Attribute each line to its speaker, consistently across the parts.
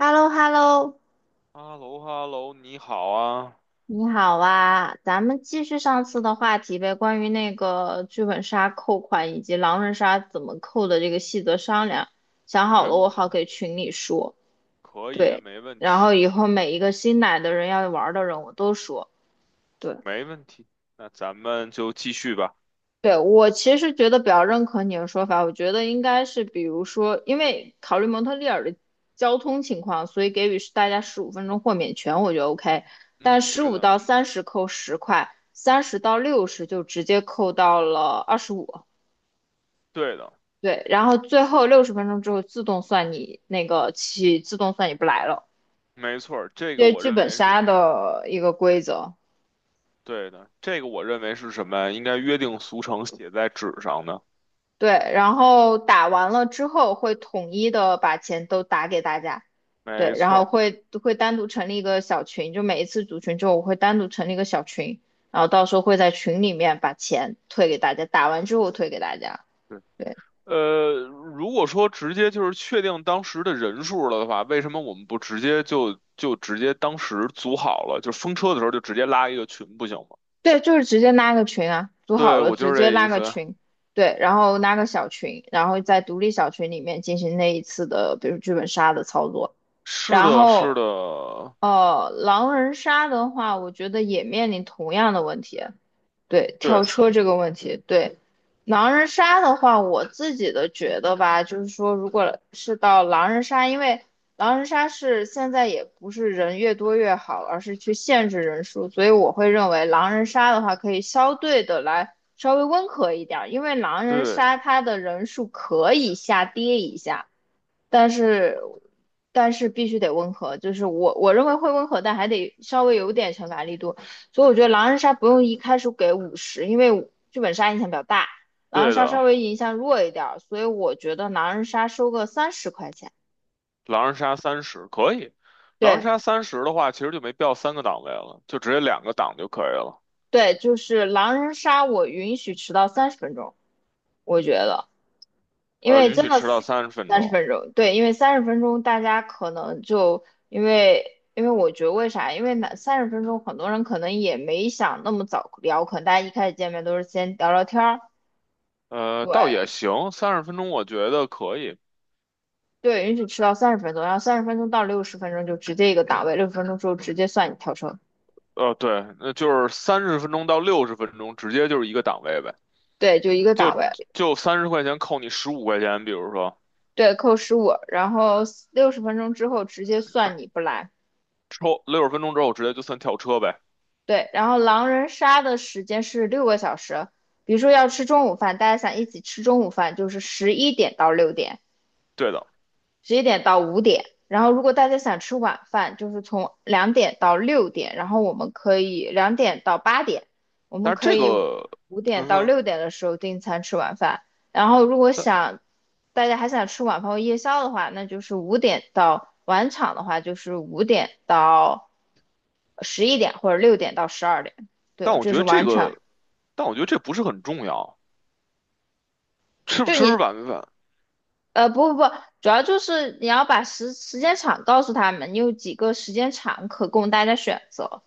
Speaker 1: h e l l o h e l l o
Speaker 2: 哈喽哈喽，你好啊，
Speaker 1: 你好啊，咱们继续上次的话题呗，关于那个剧本杀扣款以及狼人杀怎么扣的这个细则商量，想
Speaker 2: 没
Speaker 1: 好了我
Speaker 2: 问
Speaker 1: 好
Speaker 2: 题，
Speaker 1: 给群里说，
Speaker 2: 可以啊，
Speaker 1: 对，
Speaker 2: 没问
Speaker 1: 然后
Speaker 2: 题，
Speaker 1: 以后每一个新来的人要玩的人我都说，对，
Speaker 2: 没问题。那咱们就继续吧。
Speaker 1: 对，我其实觉得比较认可你的说法，我觉得应该是，比如说，因为考虑蒙特利尔的交通情况，所以给予是大家十五分钟豁免权，我觉得 OK。但
Speaker 2: 嗯，
Speaker 1: 十
Speaker 2: 对
Speaker 1: 五
Speaker 2: 的，
Speaker 1: 到三十扣十块，30到60就直接扣到了25。
Speaker 2: 对的，
Speaker 1: 对，然后最后六十分钟之后自动算你不来了，
Speaker 2: 没错儿这个
Speaker 1: 这
Speaker 2: 我
Speaker 1: 剧
Speaker 2: 认
Speaker 1: 本
Speaker 2: 为
Speaker 1: 杀
Speaker 2: 是，
Speaker 1: 的一个
Speaker 2: 嗯，
Speaker 1: 规则。
Speaker 2: 对的，这个我认为是什么呀？应该约定俗成写在纸上的。
Speaker 1: 对，然后打完了之后会统一的把钱都打给大家。
Speaker 2: 没
Speaker 1: 对，然
Speaker 2: 错
Speaker 1: 后
Speaker 2: 儿
Speaker 1: 会单独成立一个小群，就每一次组群之后，我会单独成立一个小群，然后到时候会在群里面把钱退给大家，打完之后退给大家。
Speaker 2: 对。
Speaker 1: 对
Speaker 2: 如果说直接就是确定当时的人数了的话，为什么我们不直接就直接当时组好了，就风车的时候就直接拉一个群不行吗？
Speaker 1: 对，就是直接拉个群啊，组好
Speaker 2: 对，
Speaker 1: 了
Speaker 2: 我
Speaker 1: 直
Speaker 2: 就是
Speaker 1: 接
Speaker 2: 这
Speaker 1: 拉
Speaker 2: 意
Speaker 1: 个
Speaker 2: 思。
Speaker 1: 群，对，然后拉个小群，然后在独立小群里面进行那一次的，比如剧本杀的操作。
Speaker 2: 是
Speaker 1: 然
Speaker 2: 的，是
Speaker 1: 后
Speaker 2: 的，
Speaker 1: 狼人杀的话，我觉得也面临同样的问题，对，跳
Speaker 2: 对
Speaker 1: 车这个问题，对，狼人杀的话，我自己的觉得吧，就是说，如果是到狼人杀，因为狼人杀是现在也不是人越多越好，而是去限制人数，所以我会认为狼人杀的话，可以相对的来稍微温和一点儿，因为狼人杀
Speaker 2: 对
Speaker 1: 它的人数可以下跌一下，但是但是必须得温和，就是我认为会温和，但还得稍微有点惩罚力度。所以我觉得狼人杀不用一开始给50，因为剧本杀影响比较大，狼人
Speaker 2: 对
Speaker 1: 杀稍
Speaker 2: 的，
Speaker 1: 微影响弱一点儿，所以我觉得狼人杀收个30块钱。
Speaker 2: 狼人杀三十可以，狼人
Speaker 1: 对
Speaker 2: 杀三十的话，其实就没必要3个档位了，就直接2个档就可以了。
Speaker 1: 对，就是狼人杀我允许迟到三十分钟，我觉得，因为
Speaker 2: 允
Speaker 1: 真
Speaker 2: 许
Speaker 1: 的
Speaker 2: 迟到三十分
Speaker 1: 三十
Speaker 2: 钟。
Speaker 1: 分钟，对，因为三十分钟大家可能就因为。因为我觉得为啥？因为那三十分钟，很多人可能也没想那么早聊，可能大家一开始见面都是先聊聊天儿，
Speaker 2: 倒
Speaker 1: 对，
Speaker 2: 也行，三十分钟我觉得可以。
Speaker 1: 对，允许迟到三十分钟，然后30分钟到60分钟就直接一个档位，六十分钟之后直接算你跳车。
Speaker 2: 对，那就是三十分钟到六十分钟，直接就是一个档位呗，
Speaker 1: 对，就一个
Speaker 2: 就
Speaker 1: 档位，
Speaker 2: 就30块钱扣你15块钱，比如说
Speaker 1: 对，扣十五，然后六十分钟之后直接算你不来。
Speaker 2: 抽六十分钟之后直接就算跳车呗。
Speaker 1: 对，然后狼人杀的时间是六个小时，比如说要吃中午饭，大家想一起吃中午饭，就是11点到6点；
Speaker 2: 对的，
Speaker 1: 十一点到五点。然后如果大家想吃晚饭，就是从2点到6点，然后我们可以两点到八点，我们
Speaker 2: 但是
Speaker 1: 可
Speaker 2: 这
Speaker 1: 以
Speaker 2: 个，
Speaker 1: 五点
Speaker 2: 嗯
Speaker 1: 到
Speaker 2: 哼，
Speaker 1: 六点的时候订餐吃晚饭。然后如果
Speaker 2: 但
Speaker 1: 想大家还想吃晚饭或夜宵的话，那就是五点到晚场的话，就是5点到11点或者六点到十二点。
Speaker 2: 但
Speaker 1: 对，
Speaker 2: 我
Speaker 1: 这
Speaker 2: 觉
Speaker 1: 是
Speaker 2: 得这
Speaker 1: 晚场。
Speaker 2: 个。但我觉得这不是很重要，吃不
Speaker 1: 就
Speaker 2: 吃
Speaker 1: 你
Speaker 2: 晚饭。
Speaker 1: 不不不，主要就是你要把时间场告诉他们，你有几个时间场可供大家选择。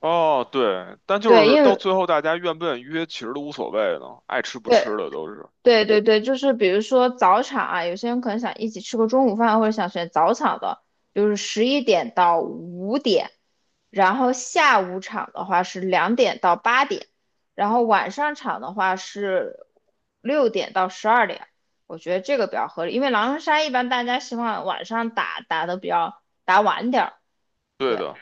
Speaker 2: 哦，对，但就
Speaker 1: 对，
Speaker 2: 是
Speaker 1: 因
Speaker 2: 到
Speaker 1: 为
Speaker 2: 最后大家愿不愿意约，其实都无所谓了，爱吃不
Speaker 1: 对
Speaker 2: 吃的都是
Speaker 1: 对对对，就是比如说早场啊，有些人可能想一起吃个中午饭，或者想选早场的，就是十一点到五点，然后下午场的话是两点到八点，然后晚上场的话是六点到十二点。我觉得这个比较合理，因为狼人杀一般大家希望晚上打打的比较打晚点。
Speaker 2: 对
Speaker 1: 对
Speaker 2: 的，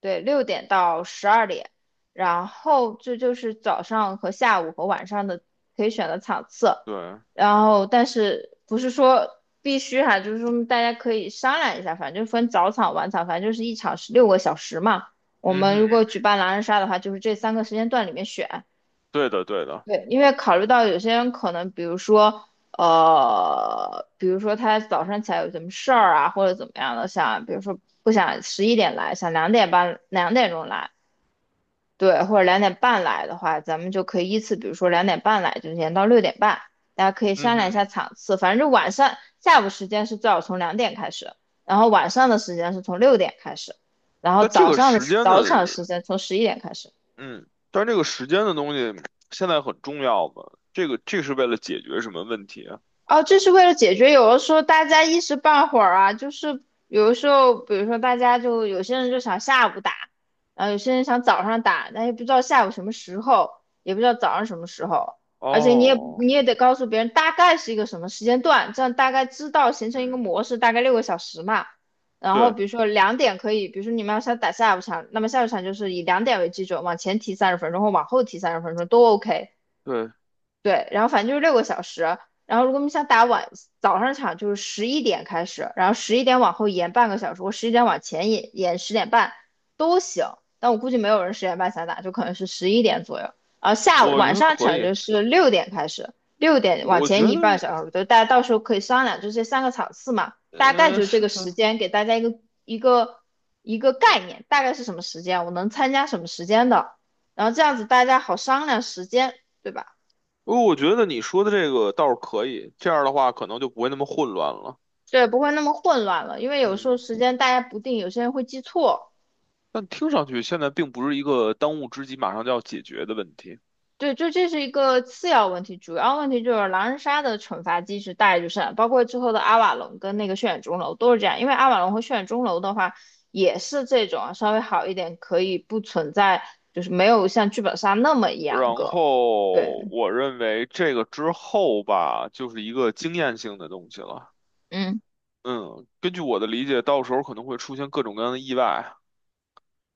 Speaker 1: 对，六点到十二点，然后这就是早上和下午和晚上的可以选的场次，
Speaker 2: 对，
Speaker 1: 然后但是不是说必须哈、就是说大家可以商量一下，反正分早场晚场，反正就是一场是六个小时嘛。我
Speaker 2: 嗯
Speaker 1: 们如
Speaker 2: 哼，
Speaker 1: 果举办狼人杀的话，就是这三个时间段里面选，
Speaker 2: 对的，对的，
Speaker 1: 对，因为考虑到有些人可能，比如说他早上起来有什么事儿啊，或者怎么样的，想，比如说不想十一点来，想2点半、2点钟来，对，或者两点半来的话，咱们就可以依次，比如说两点半来，就延到6点半，大家可以
Speaker 2: 嗯
Speaker 1: 商量一下
Speaker 2: 哼。
Speaker 1: 场次。反正就晚上下午时间是最好从两点开始，然后晚上的时间是从六点开始，然后
Speaker 2: 但这
Speaker 1: 早
Speaker 2: 个
Speaker 1: 上的
Speaker 2: 时间
Speaker 1: 早场
Speaker 2: 的，
Speaker 1: 时间从十一点开始。
Speaker 2: 嗯，但这个时间的东西现在很重要嘛？这是为了解决什么问题啊？
Speaker 1: 哦，这是为了解决，有的时候大家一时半会儿啊，就是有的时候，比如说大家就有些人就想下午打，然后有些人想早上打，但也不知道下午什么时候，也不知道早上什么时候，而且你也
Speaker 2: 哦，
Speaker 1: 你也得告诉别人大概是一个什么时间段，这样大概知道形成一个
Speaker 2: 嗯，
Speaker 1: 模式，大概六个小时嘛。然后
Speaker 2: 对
Speaker 1: 比如说两点可以，比如说你们要想打下午场，那么下午场就是以两点为基准，往前提三十分钟或往后提三十分钟都 OK。
Speaker 2: 对，
Speaker 1: 对，然后反正就是六个小时。然后如果你想打早上场，就是十一点开始，然后十一点往后延半个小时，或十一点往前延十点半都行。但我估计没有人十点半想打，就可能是十一点左右。然后下午
Speaker 2: 我觉
Speaker 1: 晚
Speaker 2: 得
Speaker 1: 上
Speaker 2: 可
Speaker 1: 场
Speaker 2: 以。
Speaker 1: 就是六点开始，六点往
Speaker 2: 我
Speaker 1: 前
Speaker 2: 觉
Speaker 1: 移半个
Speaker 2: 得，
Speaker 1: 小时，就大家到时候可以商量，就这三个场次嘛，大概
Speaker 2: 嗯，
Speaker 1: 就这
Speaker 2: 是
Speaker 1: 个时
Speaker 2: 的。
Speaker 1: 间给大家一个一个概念，大概是什么时间，我能参加什么时间的，然后这样子大家好商量时间，对吧？
Speaker 2: 哦，我觉得你说的这个倒是可以，这样的话可能就不会那么混乱了。
Speaker 1: 对，不会那么混乱了，因为有时候
Speaker 2: 嗯，
Speaker 1: 时间大家不定，有些人会记错。
Speaker 2: 但听上去现在并不是一个当务之急，马上就要解决的问题。
Speaker 1: 对，就这是一个次要问题，主要问题就是狼人杀的惩罚机制大概就是这样包括之后的阿瓦隆跟那个血染钟楼都是这样。因为阿瓦隆和血染钟楼的话，也是这种稍微好一点，可以不存在，就是没有像剧本杀那么严
Speaker 2: 然
Speaker 1: 格。
Speaker 2: 后
Speaker 1: 对，
Speaker 2: 我认为这个之后吧，就是一个经验性的东西了。
Speaker 1: 嗯。
Speaker 2: 嗯，根据我的理解，到时候可能会出现各种各样的意外，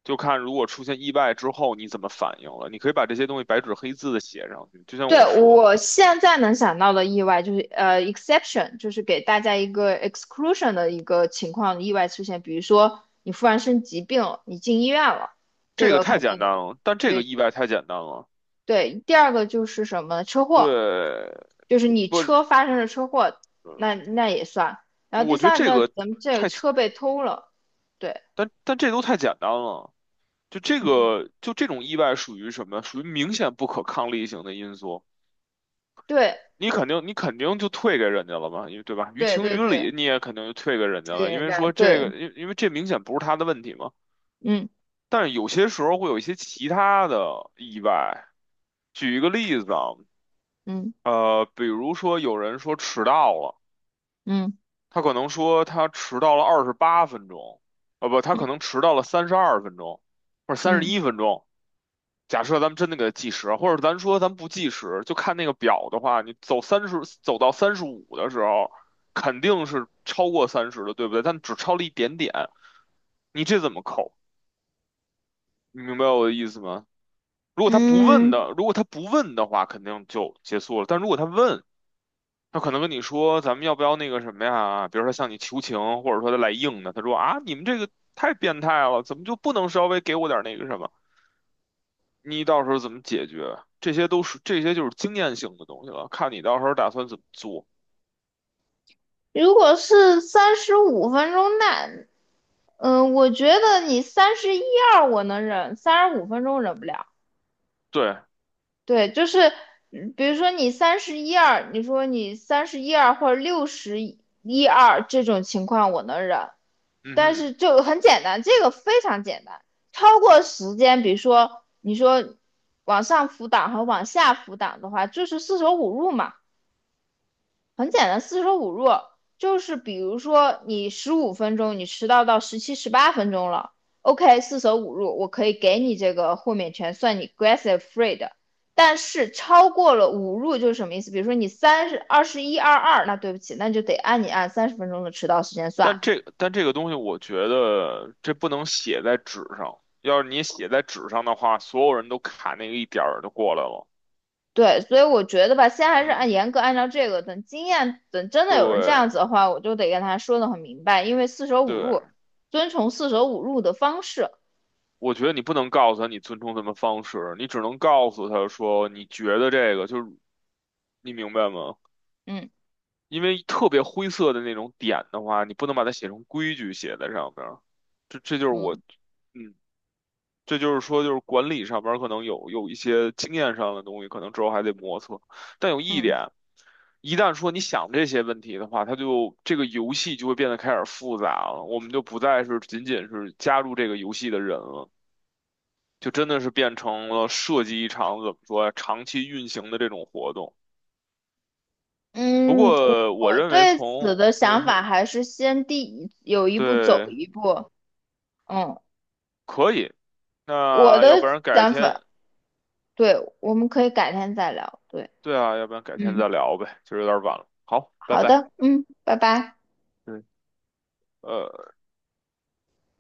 Speaker 2: 就看如果出现意外之后你怎么反应了。你可以把这些东西白纸黑字的写上去，就像
Speaker 1: 对，
Speaker 2: 我说，
Speaker 1: 我现在能想到的意外就是，exception，就是给大家一个 exclusion 的一个情况，意外出现，比如说你突然生疾病了你进医院了，这
Speaker 2: 这个
Speaker 1: 个肯
Speaker 2: 太简
Speaker 1: 定的。
Speaker 2: 单了，但这个
Speaker 1: 对
Speaker 2: 意外太简单了。
Speaker 1: 对，第二个就是什么车祸，
Speaker 2: 对，
Speaker 1: 就是你
Speaker 2: 不。
Speaker 1: 车发生了车祸，那也算。然后
Speaker 2: 我
Speaker 1: 第
Speaker 2: 觉得
Speaker 1: 三
Speaker 2: 这
Speaker 1: 个，
Speaker 2: 个，
Speaker 1: 咱们这个车被偷了，对，
Speaker 2: 但这都太简单了。
Speaker 1: 嗯，
Speaker 2: 就这种意外属于什么？属于明显不可抗力型的因素。
Speaker 1: 对
Speaker 2: 你肯定就退给人家了嘛，因为对吧？于
Speaker 1: 对
Speaker 2: 情
Speaker 1: 对
Speaker 2: 于
Speaker 1: 对，
Speaker 2: 理，你也肯定就退给人
Speaker 1: 这
Speaker 2: 家
Speaker 1: 个
Speaker 2: 了，因
Speaker 1: 人
Speaker 2: 为
Speaker 1: 家
Speaker 2: 说这个，
Speaker 1: 对，
Speaker 2: 因为这明显不是他的问题嘛。
Speaker 1: 嗯
Speaker 2: 但是有些时候会有一些其他的意外。举一个例子啊。
Speaker 1: 嗯
Speaker 2: 比如说有人说迟到了，
Speaker 1: 嗯
Speaker 2: 他可能说他迟到了28分钟。呃不，他可能
Speaker 1: 嗯
Speaker 2: 迟到了32分钟，或者三十
Speaker 1: 嗯
Speaker 2: 一分钟。假设咱们真的给它计时，或者咱说咱不计时，就看那个表的话，你走三十，走到35的时候，肯定是超过三十的，对不对？但只超了一点点，你这怎么扣？你明白我的意思吗？
Speaker 1: 嗯。
Speaker 2: 如果他不问的话，肯定就结束了。但如果他问，他可能跟你说咱们要不要那个什么呀？比如说向你求情，或者说他来硬的，他说啊，你们这个太变态了，怎么就不能稍微给我点那个什么？你到时候怎么解决？这些就是经验性的东西了，看你到时候打算怎么做。
Speaker 1: 如果是三十五分钟，那我觉得你三十一二我能忍，三十五分钟忍不了。
Speaker 2: 对，
Speaker 1: 对，就是比如说你三十一二，你说你三十一二或者六十一二这种情况我能忍，
Speaker 2: 嗯
Speaker 1: 但
Speaker 2: 哼，
Speaker 1: 是就很简单，这个非常简单。超过时间，比如说你说往上浮档和往下浮档的话，就是四舍五入嘛。很简单，四舍五入就是比如说你十五分钟你迟到到17、18分钟了，OK，四舍五入我可以给你这个豁免权，算你 grace free 的。但是超过了五入就是什么意思？比如说你三十二十一二二，那对不起，那就得按你按三十分钟的迟到时间算。
Speaker 2: 但这个东西，我觉得这不能写在纸上。要是你写在纸上的话，所有人都卡那个一点儿就过来了。
Speaker 1: 对，所以我觉得吧，先还是按
Speaker 2: 嗯，
Speaker 1: 严格按照这个，等经验，等真的有人这
Speaker 2: 对
Speaker 1: 样子的话，我就得跟他说的很明白，因为四舍五
Speaker 2: 对，
Speaker 1: 入，遵从四舍五入的方式。
Speaker 2: 我觉得你不能告诉他你尊重他们方式，你只能告诉他说你觉得这个就是，你明白吗？
Speaker 1: 嗯
Speaker 2: 因为特别灰色的那种点的话，你不能把它写成规矩写在上面儿，这就是我。
Speaker 1: 嗯
Speaker 2: 嗯，这就是说就是管理上边儿可能有一些经验上的东西，可能之后还得磨蹭。但有一
Speaker 1: 嗯。
Speaker 2: 点，一旦说你想这些问题的话，它就这个游戏就会变得开始复杂了，我们就不再是仅仅是加入这个游戏的人了，就真的是变成了设计一场怎么说呀，长期运行的这种活动。不
Speaker 1: 嗯，我
Speaker 2: 过我
Speaker 1: 我
Speaker 2: 认为
Speaker 1: 对此
Speaker 2: 从
Speaker 1: 的
Speaker 2: 嗯
Speaker 1: 想法
Speaker 2: 哼
Speaker 1: 还是先第一有一步走
Speaker 2: 对。
Speaker 1: 一步。嗯，
Speaker 2: 可以，
Speaker 1: 我
Speaker 2: 那要不
Speaker 1: 的
Speaker 2: 然改
Speaker 1: 想
Speaker 2: 天，
Speaker 1: 法，对，我们可以改天再聊。对，
Speaker 2: 对啊，要不然改天
Speaker 1: 嗯，
Speaker 2: 再聊呗，就是有点晚了。好，拜
Speaker 1: 好
Speaker 2: 拜。
Speaker 1: 的，嗯，拜拜。
Speaker 2: 嗯，呃。